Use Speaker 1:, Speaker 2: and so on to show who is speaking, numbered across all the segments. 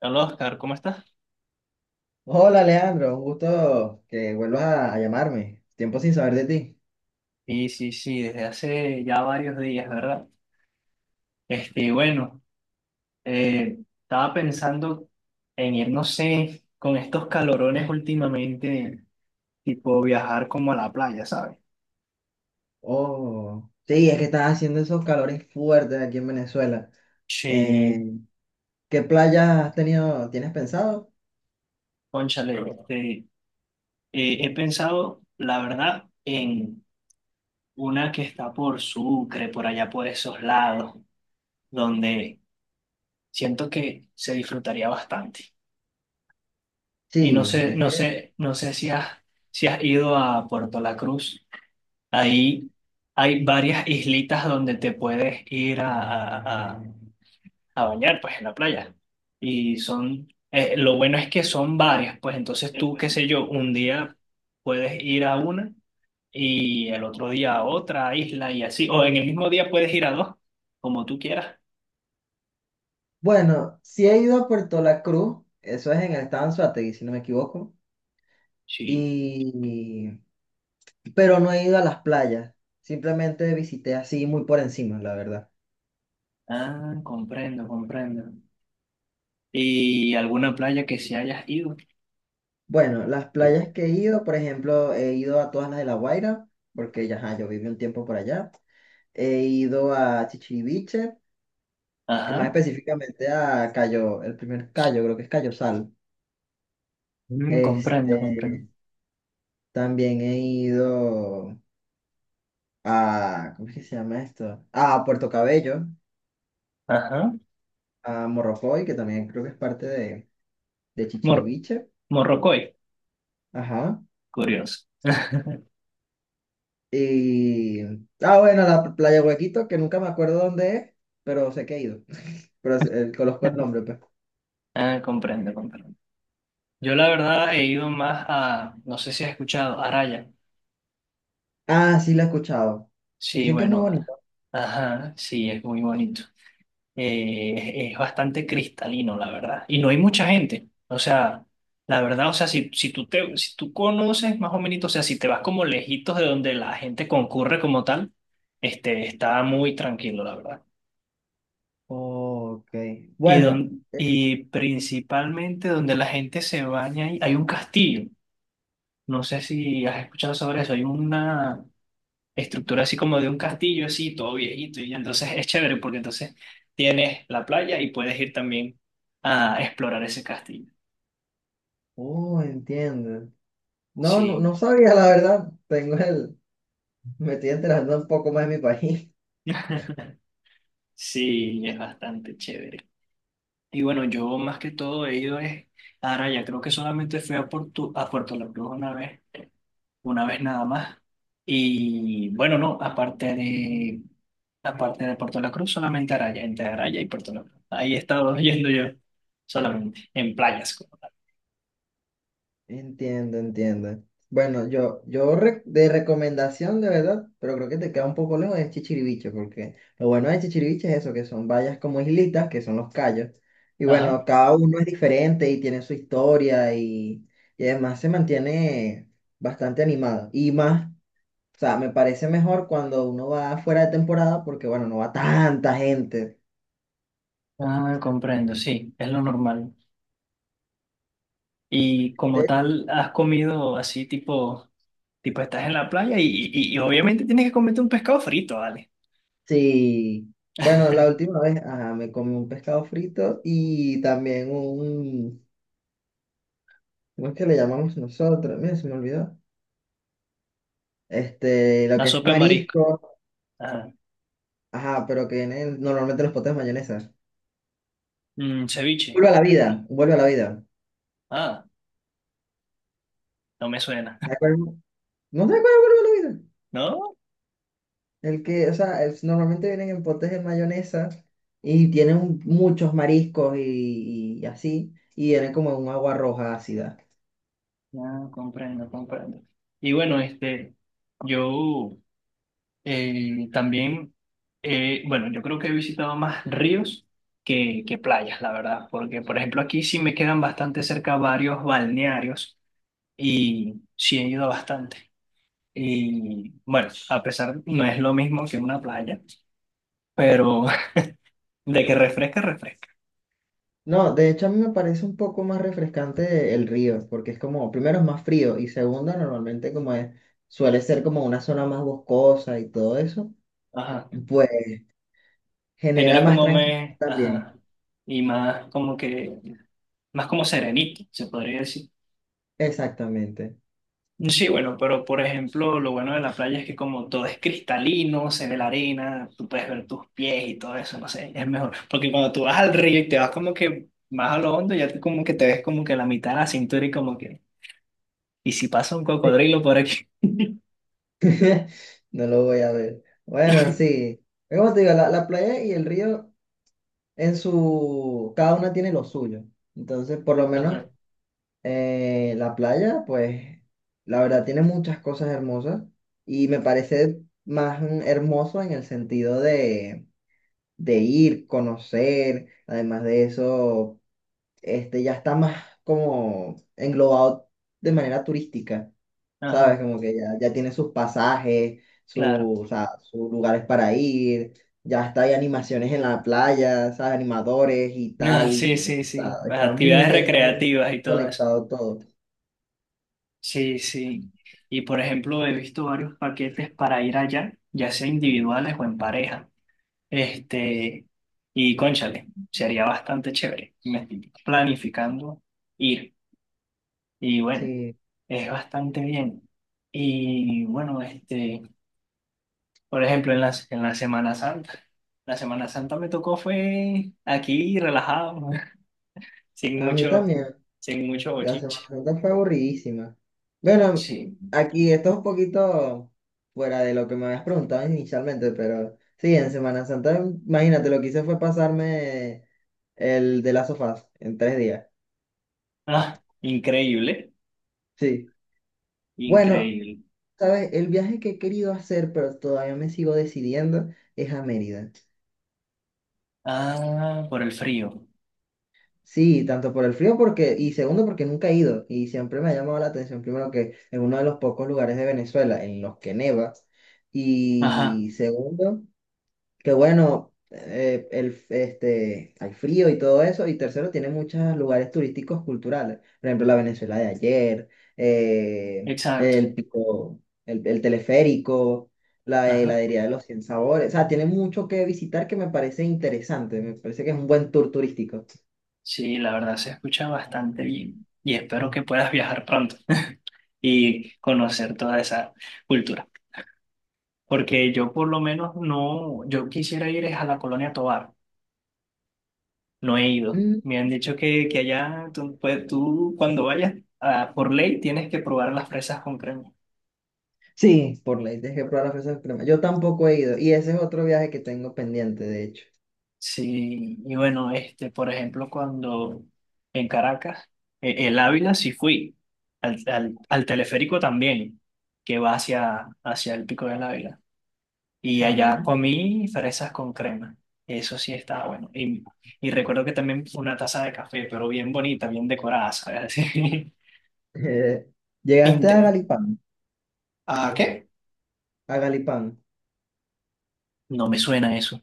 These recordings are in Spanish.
Speaker 1: Hola Oscar, ¿cómo estás?
Speaker 2: Hola Leandro, un gusto que vuelvas a llamarme. Tiempo sin saber de ti.
Speaker 1: Sí, sí, sí, desde hace ya varios días, ¿verdad? Bueno, estaba pensando en ir, no sé, con estos calorones últimamente, tipo viajar como a la playa, ¿sabes?
Speaker 2: Oh, sí, es que estás haciendo esos calores fuertes aquí en Venezuela.
Speaker 1: Sí,
Speaker 2: Eh, ¿Qué playa has tenido, tienes pensado?
Speaker 1: cónchale, he pensado, la verdad, en una que está por Sucre, por allá por esos lados, donde siento que se disfrutaría bastante. Y no
Speaker 2: Sí,
Speaker 1: sé,
Speaker 2: es
Speaker 1: no
Speaker 2: que,
Speaker 1: sé, no sé si has, si has ido a Puerto La Cruz. Ahí hay varias islitas donde te puedes ir a bañar, pues, en la playa. Y son, lo bueno es que son varias, pues, entonces tú, qué sé yo, un día puedes ir a una y el otro día a otra isla y así. O en el mismo día puedes ir a dos, como tú quieras.
Speaker 2: bueno, sí he ido a Puerto La Cruz, eso es en el estado Anzoátegui, si no me equivoco,
Speaker 1: Sí.
Speaker 2: y, pero no he ido a las playas, simplemente visité así muy por encima, la verdad.
Speaker 1: Ah, comprendo, comprendo. ¿Y alguna playa que se hayas ido?
Speaker 2: Bueno, las playas que he ido, por ejemplo, he ido a todas las de La Guaira, porque ya, ajá, yo viví un tiempo por allá. He ido a Chichiriviche, que más
Speaker 1: Ajá.
Speaker 2: específicamente a Cayo, el primer Cayo, creo que es Cayo Sal.
Speaker 1: Mm, comprendo, comprendo.
Speaker 2: Este, también he ido a, ¿cómo es que se llama esto? A Puerto Cabello,
Speaker 1: Ajá.
Speaker 2: a Morrocoy, que también creo que es parte de
Speaker 1: Mor-
Speaker 2: Chichiriviche.
Speaker 1: Morrocoy,
Speaker 2: Ajá.
Speaker 1: curioso.
Speaker 2: Y, ah, bueno, la playa Huequito, que nunca me acuerdo dónde es, pero sé que he ido. Pero conozco el nombre, pues.
Speaker 1: Ah, comprendo, comprendo. Yo la verdad he ido más a, no sé si has escuchado, Araya.
Speaker 2: Ah, sí, la he escuchado.
Speaker 1: Sí,
Speaker 2: Dicen que es muy
Speaker 1: bueno,
Speaker 2: bonito.
Speaker 1: ajá, sí, es muy bonito. Es bastante cristalino, la verdad. Y no hay mucha gente. O sea, la verdad, o sea, si tú conoces más o menos, o sea, si te vas como lejitos de donde la gente concurre como tal, está muy tranquilo, la verdad.
Speaker 2: Ok. Bueno. eh,
Speaker 1: Y principalmente donde la gente se baña, y hay un castillo. No sé si has escuchado sobre eso. Hay una estructura así como de un castillo, así, todo viejito. Y entonces es chévere porque entonces tienes la playa y puedes ir también a explorar ese castillo.
Speaker 2: Oh, entiendo. No, no,
Speaker 1: Sí,
Speaker 2: no sabía, la verdad. Tengo el. Me estoy enterando un poco más de mi país.
Speaker 1: sí, es bastante chévere. Y bueno, yo más que todo he ido es, ahora ya creo que solamente fui a Puerto La Cruz una vez nada más. Y bueno, no, aparte de Puerto La Cruz, solamente Araya, entre Araya y Puerto La Cruz. Ahí he estado yendo yo, solamente, en playas como tal.
Speaker 2: Entiendo, entiendo. Bueno, yo de recomendación de verdad, pero creo que te queda un poco lejos de Chichiriviche, porque lo bueno de Chichiriviche es eso, que son vallas como islitas, que son los cayos. Y
Speaker 1: Ajá.
Speaker 2: bueno, cada uno es diferente y tiene su historia y además se mantiene bastante animado. Y más, o sea, me parece mejor cuando uno va fuera de temporada, porque bueno, no va tanta gente.
Speaker 1: Ah, comprendo, sí, es lo normal. Y como
Speaker 2: De-
Speaker 1: tal, has comido así tipo, tipo estás en la playa y, y obviamente tienes que comerte un pescado frito, ¿vale?
Speaker 2: Sí. Bueno, la última vez, ajá, me comí un pescado frito y también un. ¿Cómo es que le llamamos nosotros? Mira, se me olvidó. Este, lo
Speaker 1: Una
Speaker 2: que es
Speaker 1: sopa de marisco.
Speaker 2: marisco,
Speaker 1: Ajá.
Speaker 2: ajá, pero que viene normalmente en los potes de mayonesa.
Speaker 1: Mm, ceviche.
Speaker 2: Vuelve a la vida, vuelve a la vida.
Speaker 1: Ah, no me suena.
Speaker 2: ¿Te acuerdas? ¿No te acuerdas de vuelve a la vida?
Speaker 1: ¿No?
Speaker 2: El que, o sea, normalmente vienen en potes de mayonesa y tienen muchos mariscos y así, y vienen como en un agua roja ácida.
Speaker 1: Ya, comprendo, comprendo. Y bueno, yo eh, también, bueno, yo creo que he visitado más ríos que playas, la verdad, porque por ejemplo aquí sí me quedan bastante cerca varios balnearios y sí he ido bastante. Y bueno, a pesar no es lo mismo que una playa, pero de que refresca, refresca.
Speaker 2: No, de hecho a mí me parece un poco más refrescante el río, porque es como, primero es más frío y segundo normalmente como es, suele ser como una zona más boscosa y todo eso.
Speaker 1: Ajá.
Speaker 2: Pues genera más tranquilidad
Speaker 1: Ajá,
Speaker 2: también.
Speaker 1: y más como que, más como serenito, se podría decir.
Speaker 2: Exactamente.
Speaker 1: Sí, bueno, pero por ejemplo, lo bueno de la playa es que como todo es cristalino, se ve la arena, tú puedes ver tus pies y todo eso, no sé, es mejor. Porque cuando tú vas al río y te vas como que más a lo hondo, ya tú como que te ves como que la mitad de la cintura y como que, ¿y si pasa un cocodrilo por aquí?
Speaker 2: No lo voy a ver. Bueno, sí. Pero como te digo, la playa y el río en su. Cada una tiene lo suyo. Entonces, por lo
Speaker 1: Ajá,
Speaker 2: menos la playa, pues, la verdad tiene muchas cosas hermosas y me parece más hermoso en el sentido de, ir, conocer. Además de eso, este ya está más como englobado de manera turística. ¿Sabes?
Speaker 1: ajá,
Speaker 2: Como que ya, ya tiene sus pasajes,
Speaker 1: claro.
Speaker 2: o sea, sus lugares para ir, ya está, hay animaciones en la playa, ¿sabes? Animadores y
Speaker 1: Ah,
Speaker 2: tal.
Speaker 1: sí, sí, sí,
Speaker 2: Está,
Speaker 1: las
Speaker 2: está muy
Speaker 1: actividades
Speaker 2: bien
Speaker 1: recreativas y todo eso.
Speaker 2: conectado todo.
Speaker 1: Sí, sí. Y por ejemplo, he visto varios paquetes para ir allá, ya sea individuales o en pareja. Este, y cónchale, sería bastante chévere. Me estoy planificando ir. Y bueno,
Speaker 2: Sí,
Speaker 1: es bastante bien. Y bueno, por ejemplo, en en la Semana Santa. La Semana Santa me tocó fue aquí, relajado, sin
Speaker 2: a mí
Speaker 1: mucho,
Speaker 2: también.
Speaker 1: sin mucho
Speaker 2: La Semana
Speaker 1: bochinche.
Speaker 2: Santa fue aburridísima. Bueno,
Speaker 1: Sí.
Speaker 2: aquí esto es un poquito fuera de lo que me habías preguntado inicialmente, pero sí, en Semana Santa, imagínate, lo que hice fue pasarme el de las sofás en 3 días.
Speaker 1: Ah, increíble,
Speaker 2: Sí. Bueno,
Speaker 1: increíble.
Speaker 2: ¿sabes? El viaje que he querido hacer, pero todavía me sigo decidiendo, es a Mérida.
Speaker 1: Ah, por el frío.
Speaker 2: Sí, tanto por el frío porque, y segundo porque nunca he ido y siempre me ha llamado la atención, primero que es uno de los pocos lugares de Venezuela en los que neva
Speaker 1: Ajá,
Speaker 2: y segundo que bueno, hay frío y todo eso. Y tercero, tiene muchos lugares turísticos culturales. Por ejemplo, la Venezuela de ayer,
Speaker 1: exacto.
Speaker 2: el pico, el teleférico, la
Speaker 1: Ajá.
Speaker 2: heladería de los 100 sabores. O sea, tiene mucho que visitar que me parece interesante. Me parece que es un buen tour turístico.
Speaker 1: Sí, la verdad se escucha bastante bien y espero que puedas viajar pronto y conocer toda esa cultura, porque yo por lo menos no, yo quisiera ir es a la Colonia Tovar, no he ido.
Speaker 2: Mm.
Speaker 1: Me han dicho que allá tú, pues, tú cuando vayas ah, por ley tienes que probar las fresas con crema.
Speaker 2: Sí, por ley, dejé que probar las fresas cremas. Yo tampoco he ido. Y ese es otro viaje que tengo pendiente, de hecho.
Speaker 1: Sí, y bueno, por ejemplo, cuando en Caracas, el Ávila sí fui, al teleférico también, que va hacia el Pico del Ávila. Y
Speaker 2: Ajá.
Speaker 1: allá comí fresas con crema. Eso sí estaba bueno. Y recuerdo que también una taza de café, pero bien bonita, bien decorada, ¿sabes? Así.
Speaker 2: Eh, ¿Llegaste a
Speaker 1: Inte-
Speaker 2: Galipán?
Speaker 1: ¿Ah, qué?
Speaker 2: A Galipán.
Speaker 1: No me suena eso.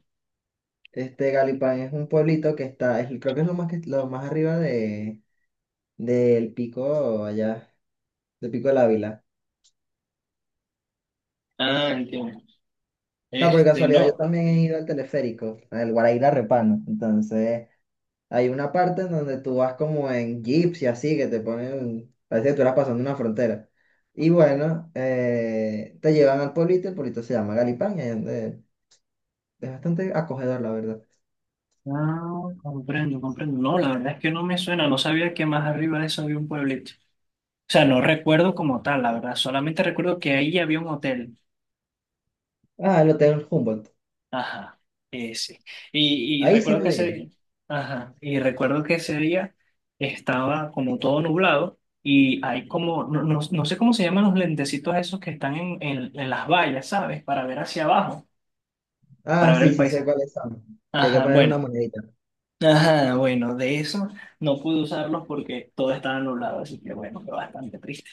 Speaker 2: Este Galipán es un pueblito que está, creo que es lo más que lo más arriba de del pico allá, del pico del Ávila.
Speaker 1: Ah, entiendo.
Speaker 2: O sea, por
Speaker 1: Este,
Speaker 2: casualidad yo
Speaker 1: no.
Speaker 2: también he ido al teleférico, al Guaraíra Repano. Entonces, hay una parte en donde tú vas como en jeeps y así, que te ponen, parece que tú eras pasando una frontera. Y bueno, te llevan al pueblito, el pueblito se llama Galipán, y ahí es es bastante acogedor, la verdad.
Speaker 1: Ah, comprendo, comprendo. No, la verdad es que no me suena. No sabía que más arriba de eso había un pueblito. O sea, no recuerdo como tal, la verdad. Solamente recuerdo que ahí había un hotel.
Speaker 2: Ah, el Hotel Humboldt.
Speaker 1: Ajá, sí. Y, y
Speaker 2: Ahí sí
Speaker 1: recuerdo
Speaker 2: no
Speaker 1: que
Speaker 2: llegué.
Speaker 1: ese, ajá, y recuerdo que ese día estaba como todo nublado y hay como, no, no, no sé cómo se llaman los lentecitos esos que están en las vallas, ¿sabes? Para ver hacia abajo, para
Speaker 2: Ah,
Speaker 1: ver
Speaker 2: sí,
Speaker 1: el
Speaker 2: sí sé
Speaker 1: paisaje.
Speaker 2: cuáles son. Que hay que
Speaker 1: Ajá,
Speaker 2: poner una
Speaker 1: bueno.
Speaker 2: moneda.
Speaker 1: Ajá, bueno, de eso no pude usarlos porque todo estaba nublado, así que bueno, fue bastante triste.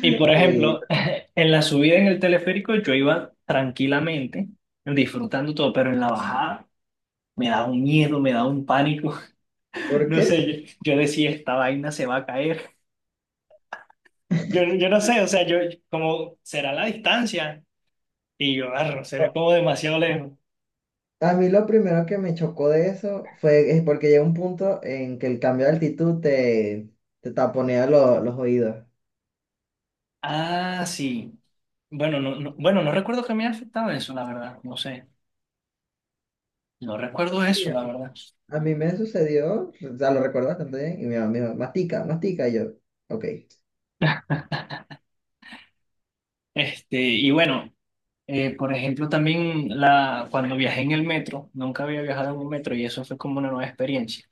Speaker 1: Y por
Speaker 2: Sí,
Speaker 1: ejemplo, en la subida en el teleférico yo iba tranquilamente, disfrutando todo, pero en la bajada... me da un miedo, me da un pánico.
Speaker 2: ¿por
Speaker 1: No
Speaker 2: qué?
Speaker 1: sé, yo decía, esta vaina se va a caer. Yo no sé, o sea, yo, como, será la distancia. Y yo, "Arro, se ve como demasiado lejos.
Speaker 2: A mí lo primero que me chocó de eso fue es porque llega un punto en que el cambio de altitud te taponea los oídos.
Speaker 1: Ah, sí. Bueno, bueno, no recuerdo que me haya afectado eso, la verdad. No sé. No recuerdo
Speaker 2: Sí,
Speaker 1: eso,
Speaker 2: a
Speaker 1: la verdad.
Speaker 2: a mí me sucedió, o sea, lo recuerdo bastante bien, y mi mamá me dijo, mastica, mastica, y yo, ok.
Speaker 1: Y bueno, por ejemplo, también cuando viajé en el metro, nunca había viajado en un metro y eso fue como una nueva experiencia.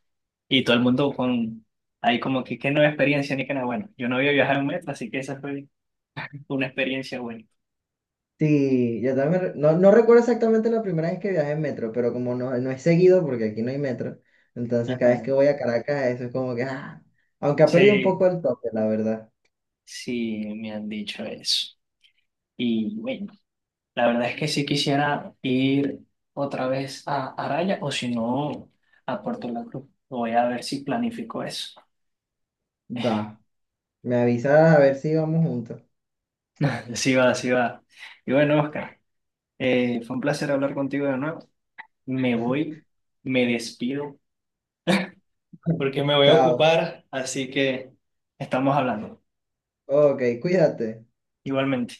Speaker 1: Y todo el mundo con, ahí como que, qué nueva experiencia, ni que nada. Bueno, yo no había viajado en metro, así que esa fue una experiencia buena.
Speaker 2: Sí, yo también, no, no recuerdo exactamente la primera vez que viajé en metro, pero como no, no es seguido, porque aquí no hay metro, entonces cada vez
Speaker 1: Ajá.
Speaker 2: que voy a Caracas, eso es como que, aunque ha perdido un
Speaker 1: Sí,
Speaker 2: poco el toque, la verdad.
Speaker 1: sí, me han dicho eso. Y bueno, la verdad es que sí quisiera ir otra vez a Araya o si no, a Puerto La Cruz. Voy a ver si planifico eso.
Speaker 2: Va, me avisas a ver si vamos juntos.
Speaker 1: Sí va, sí va. Y bueno, Oscar, fue un placer hablar contigo de nuevo. Me voy, me despido porque me voy a
Speaker 2: Chao.
Speaker 1: ocupar, así que estamos hablando.
Speaker 2: Ok, cuídate.
Speaker 1: Igualmente.